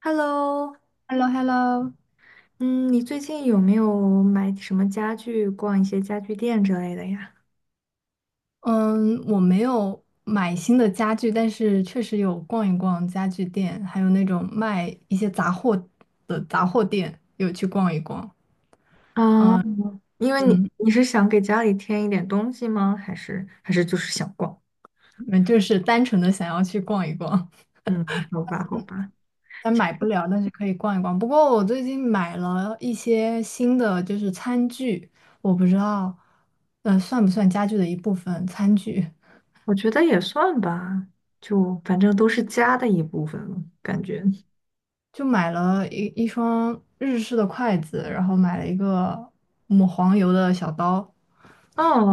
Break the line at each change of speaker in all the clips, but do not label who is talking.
Hello,
h e l l o h e l l o。
嗯，你最近有没有买什么家具，逛一些家具店之类的呀？
嗯，我没有买新的家具，但是确实有逛一逛家具店，还有那种卖一些杂货的杂货店，有去逛一逛。
啊，因为你
嗯，
你是想给家里添一点东西吗？还是就是想逛？
那就是单纯的想要去逛一逛，
嗯，好吧，好吧，
但买不了，但是可以逛一逛。不过我最近买了一些新的，就是餐具，我不知道，算不算家具的一部分？餐具，
我觉得也算吧，就反正都是家的一部分了，感觉。
就买了一双日式的筷子，然后买了一个抹黄油的小刀，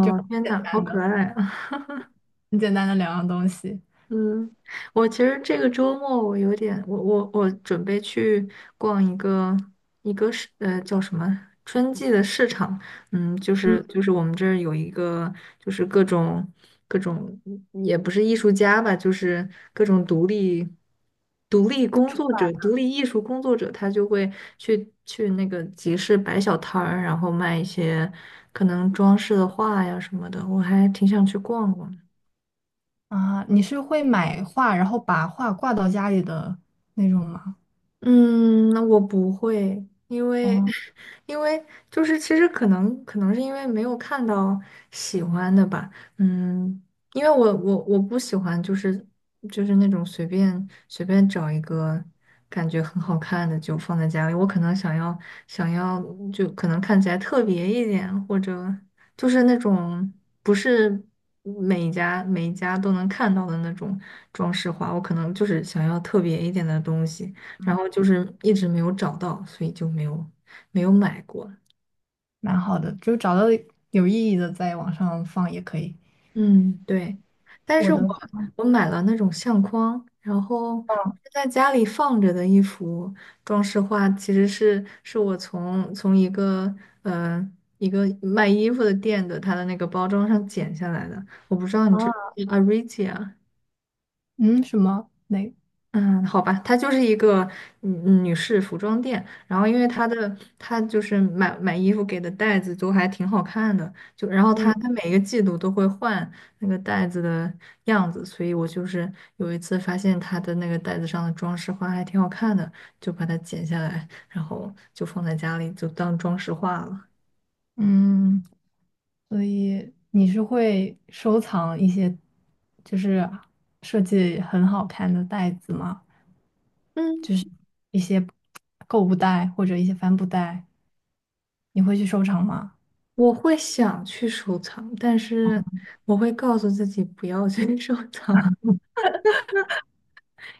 就
天呐，好可爱！啊！
很简单的两样东西。
嗯，我其实这个周末我有点，我准备去逛一个一个市，叫什么春季的市场，嗯，就
嗯
是就是我们这儿有一个，就是各种,也不是艺术家吧，就是各种独立工作者、独立艺术工作者，他就会去那个集市摆小摊儿，然后卖一些可能装饰的画呀什么的，我还挺想去逛逛。
啊，你是会买画，然后把画挂到家里的那种吗？
嗯，那我不会，因为
嗯，
因为就是其实可能是因为没有看到喜欢的吧，嗯，因为我不喜欢就是就是那种随便找一个感觉很好看的就放在家里，我可能想要想要就可能看起来特别一点，或者就是那种不是每一家都能看到的那种装饰画，我可能就是想要特别一点的东西。然后就是一直没有找到，所以就没有没有买过。
蛮好的，就找到有意义的在网上放也可以。
嗯，对。但
我
是我
的话
我买了那种相框，然后我是在家里放着的一幅装饰画，其实是我从一个呃一个卖衣服的店的它的那个包装上剪下来的。我不知道你这不
啊，
知道 Aritia。
嗯，什么？那，
嗯，好吧，它就是一个女士服装店，然后因为它的它就是买衣服给的袋子都还挺好看的，就然后它
嗯
它每个季度都会换那个袋子的样子，所以我就是有一次发现它的那个袋子上的装饰画还挺好看的，就把它剪下来，然后就放在家里就当装饰画了。
嗯，所以你是会收藏一些，就是设计很好看的袋子吗？
嗯，
就是一些购物袋或者一些帆布袋，你会去收藏吗？
我会想去收藏，但是我会告诉自己不要去 收藏。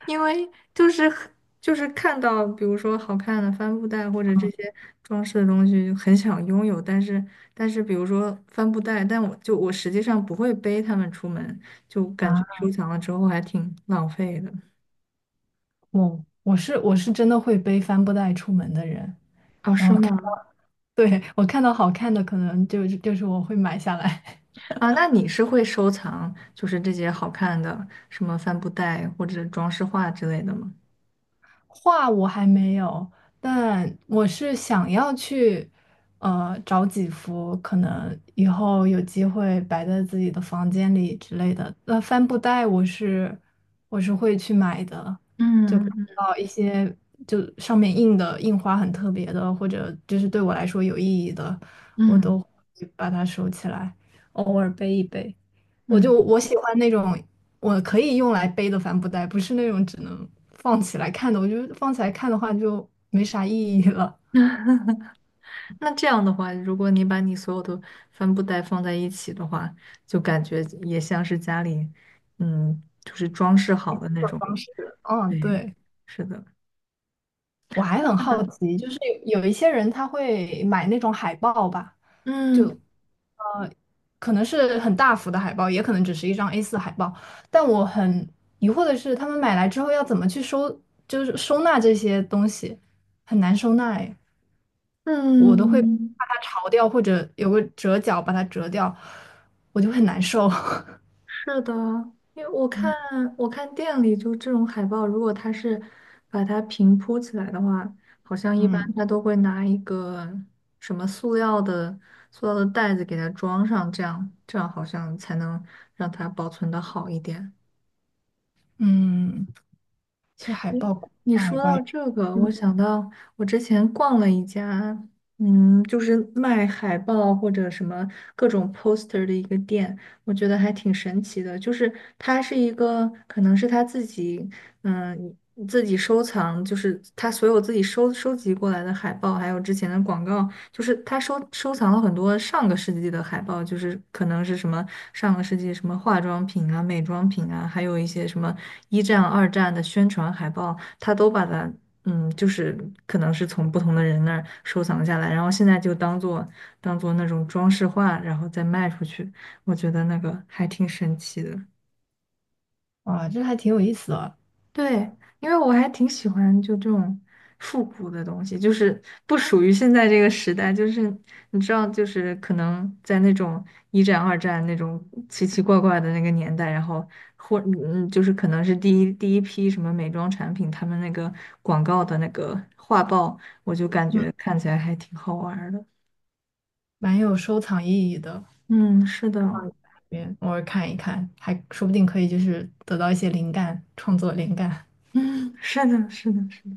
因为就是很就是看到，比如说好看的帆布袋或者这些装饰的东西，就很想拥有。但是但是，比如说帆布袋，但我就我实际上不会背它们出门，就感觉
啊，
收藏了之后还挺浪费的。
我是真的会背帆布袋出门的人，
哦，
然
是
后看，
吗？
对，我看到好看的，可能就就是我会买下来。
啊，那你是会收藏就是这些好看的什么帆布袋或者装饰画之类的吗？
画我还没有，但我是想要去，找几幅可能以后有机会摆在自己的房间里之类的。那帆布袋我是我是会去买的，就看
嗯
到一些就上面印的印花很特别的，或者就是对我来说有意义的，我
嗯
都会把它收起来，偶尔背一背。
嗯。
我就
嗯。
我喜欢那种。我可以用来背的帆布袋，不是那种只能放起来看的。我觉得放起来看的话就没啥意义了。
那。那这样的话，如果你把你所有的帆布袋放在一起的话，就感觉也像是家里，嗯，就是装饰好的那
这种
种。
方式，嗯，
对，
对。
是的，
我还很好奇，就是有一些人他会买那种海报吧，就
嗯
呃，可能是很大幅的海报，也可能只是一张 A4海报。但我很疑惑的是，他们买来之后要怎么去收，就是收纳这些东西，很难收纳哎。我都会把
嗯，
它潮掉或者有个折角把它折掉，我就很难受。
是的，因为我看
嗯
我看店里就这种海报，如果它是把它平铺起来的话，好像一般
嗯
它都会拿一个什么塑料的塑料的袋子给它装上，这样好像才能让它保存的好一点。
嗯，去海
诶，
报
你
挂一
说
挂，
到这个，我
嗯，
想到我之前逛了一家，嗯，就是卖海报或者什么各种 poster 的一个店，我觉得还挺神奇的。就是它是一个，可能是他自己，嗯，自己收藏，就是他所有自己收集过来的海报，还有之前的广告，就是他收藏了很多上个世纪的海报，就是可能是什么上个世纪什么化妆品啊、美妆品啊，还有一些什么一战、二战的宣传海报，他都把它，嗯，就是可能是从不同的人那儿收藏下来，然后现在就当做当做那种装饰画，然后再卖出去。我觉得那个还挺神奇的。
哇，这还挺有意思的，
对，因为我还挺喜欢就这种复古的东西，就是不属于现在这个时代，就是你知道，就是可能在那种一战、二战那种奇奇怪怪的那个年代，或,就是可能是第一批什么美妆产品，他们那个广告的那个画报，我就感觉看起来还挺好玩儿的。
蛮有收藏意义的。
嗯，是的。
嗯偶尔看一看，还说不定可以就是得到一些灵感，创作灵感。
嗯，是的，是的，是的。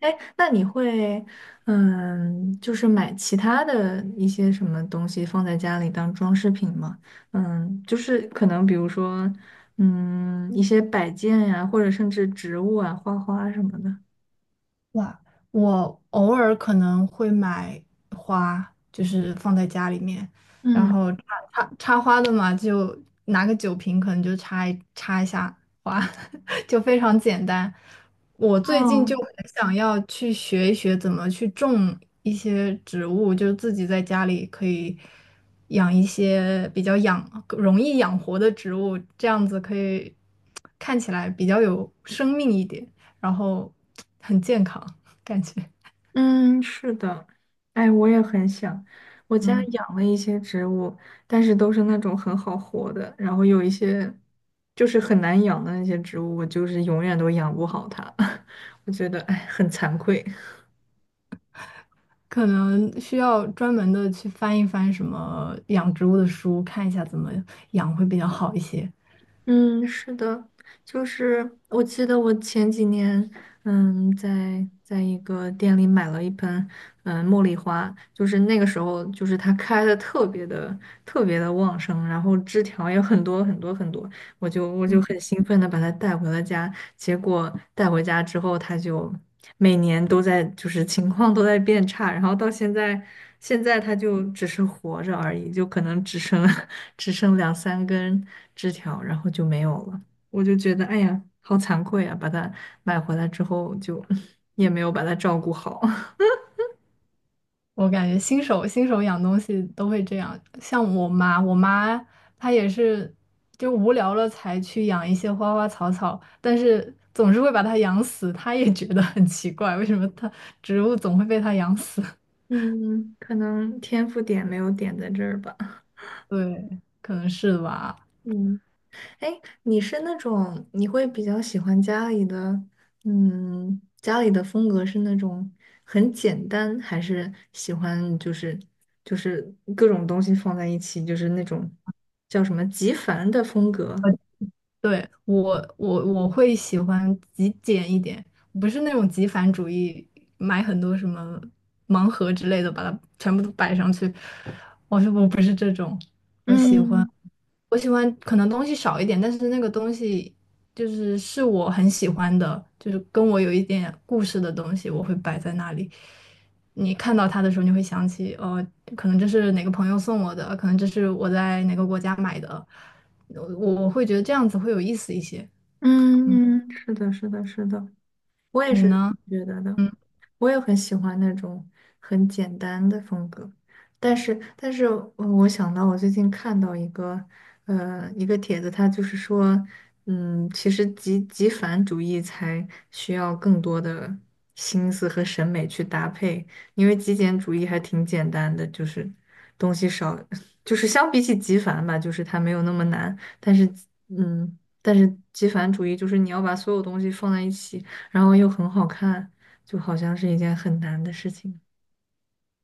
哎，那你会，嗯，就是买其他的一些什么东西放在家里当装饰品吗？嗯，就是可能比如说，嗯，一些摆件呀，或者甚至植物啊、花花什么的。
哇，我偶尔可能会买花，就是放在家里面，然
嗯，
后插花的嘛，就拿个酒瓶，可能就插一插一下，哇，就非常简单。我最近
哦，
就很想要去学一学怎么去种一些植物，就是自己在家里可以养一些比较养，容易养活的植物，这样子可以看起来比较有生命一点，然后很健康，感觉。
嗯，是的，哎，我也很想。我家
嗯，
养了一些植物，但是都是那种很好活的，然后有一些就是很难养的那些植物，我就是永远都养不好它。我觉得，哎，很惭愧。
可能需要专门的去翻一翻什么养植物的书，看一下怎么养会比较好一些。
嗯，是的，就是我记得我前几年，嗯，在一个店里买了一盆，嗯，茉莉花，就是那个时候，就是它开的特别的旺盛，然后枝条也很多。我就很兴奋的把它带回了家，结果带回家之后，它就每年都在就是情况都在变差，然后到现在，现在它就只是活着而已，就可能只剩 只剩两三根枝条，然后就没有了。我就觉得哎呀，好惭愧啊，把它买回来之后就 也没有把它照顾好，
我感觉新手养东西都会这样，像我妈，我妈她也是就无聊了才去养一些花花草草，但是总是会把它养死，她也觉得很奇怪，为什么它植物总会被它养死？
嗯，可能天赋点没有点在这儿吧。
对，可能是吧。
嗯，哎，你是那种你会比较喜欢家里的，嗯，家里的风格是那种很简单，还是喜欢就是就是各种东西放在一起，就是那种叫什么极繁的风格？
对，我会喜欢极简一点，不是那种极繁主义，买很多什么盲盒之类的，把它全部都摆上去。我是我不是这种，我喜欢
嗯
我喜欢可能东西少一点，但是那个东西就是是我很喜欢的，就是跟我有一点故事的东西，我会摆在那里。你看到它的时候，你会想起，哦，可能这是哪个朋友送我的，可能这是我在哪个国家买的。我会觉得这样子会有意思一些。
嗯，是的，是的，是的。我也
你
是
呢？
这么觉得的，
嗯
我也很喜欢那种很简单的风格，但是，但是我想到我最近看到一个，一个帖子，他就是说，嗯，其实极繁主义才需要更多的心思和审美去搭配，因为极简主义还挺简单的，就是东西少，就是相比起极繁吧，就是它没有那么难，但是，嗯，但是极繁主义就是你要把所有东西放在一起。然后又很好看，就好像是一件很难的事情。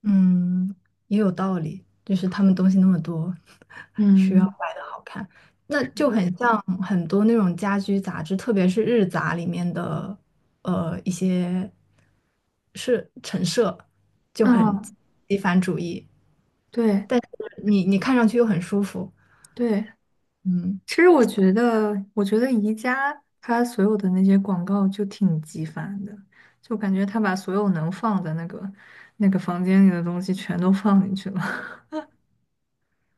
嗯，也有道理，就是他们东西那么多，需要
嗯
摆的好看，那就很像很多那种家居杂志，特别是日杂里面的呃一些是陈设就很
嗯，
极繁主义，
对
但是你看上去又很舒服，
对，
嗯。
其实我觉得，我觉得宜家它所有的那些广告就挺极繁的，就感觉它把所有能放在那个那个房间里的东西全都放进去了。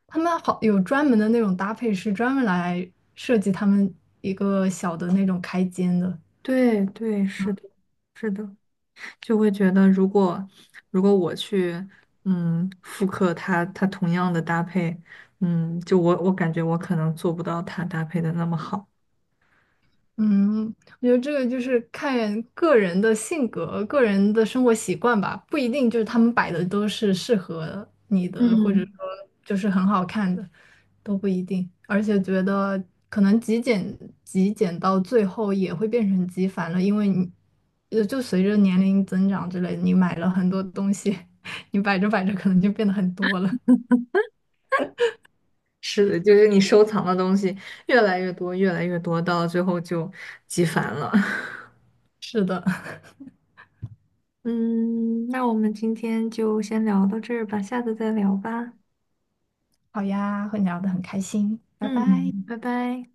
他们好有专门的那种搭配师，专门来设计他们一个小的那种开间的。
对对，是的，是的，就会觉得如果如果我去嗯复刻它它同样的搭配，嗯，就我我感觉我可能做不到它搭配的那么好。
嗯，我觉得这个就是看个人的性格、个人的生活习惯吧，不一定就是他们摆的都是适合你的，或者说
嗯，
就是很好看的，都不一定。而且觉得可能极简到最后也会变成极繁了，因为你就随着年龄增长之类的你买了很多东西，你摆着摆着可能就变得很多了。
是的，就是你收藏的东西越来越多，越来越多，到最后就极烦了。
是的，
嗯，那我们今天就先聊到这儿吧，下次再聊吧。
好呀，和你聊得很开心，拜拜。
嗯，拜拜。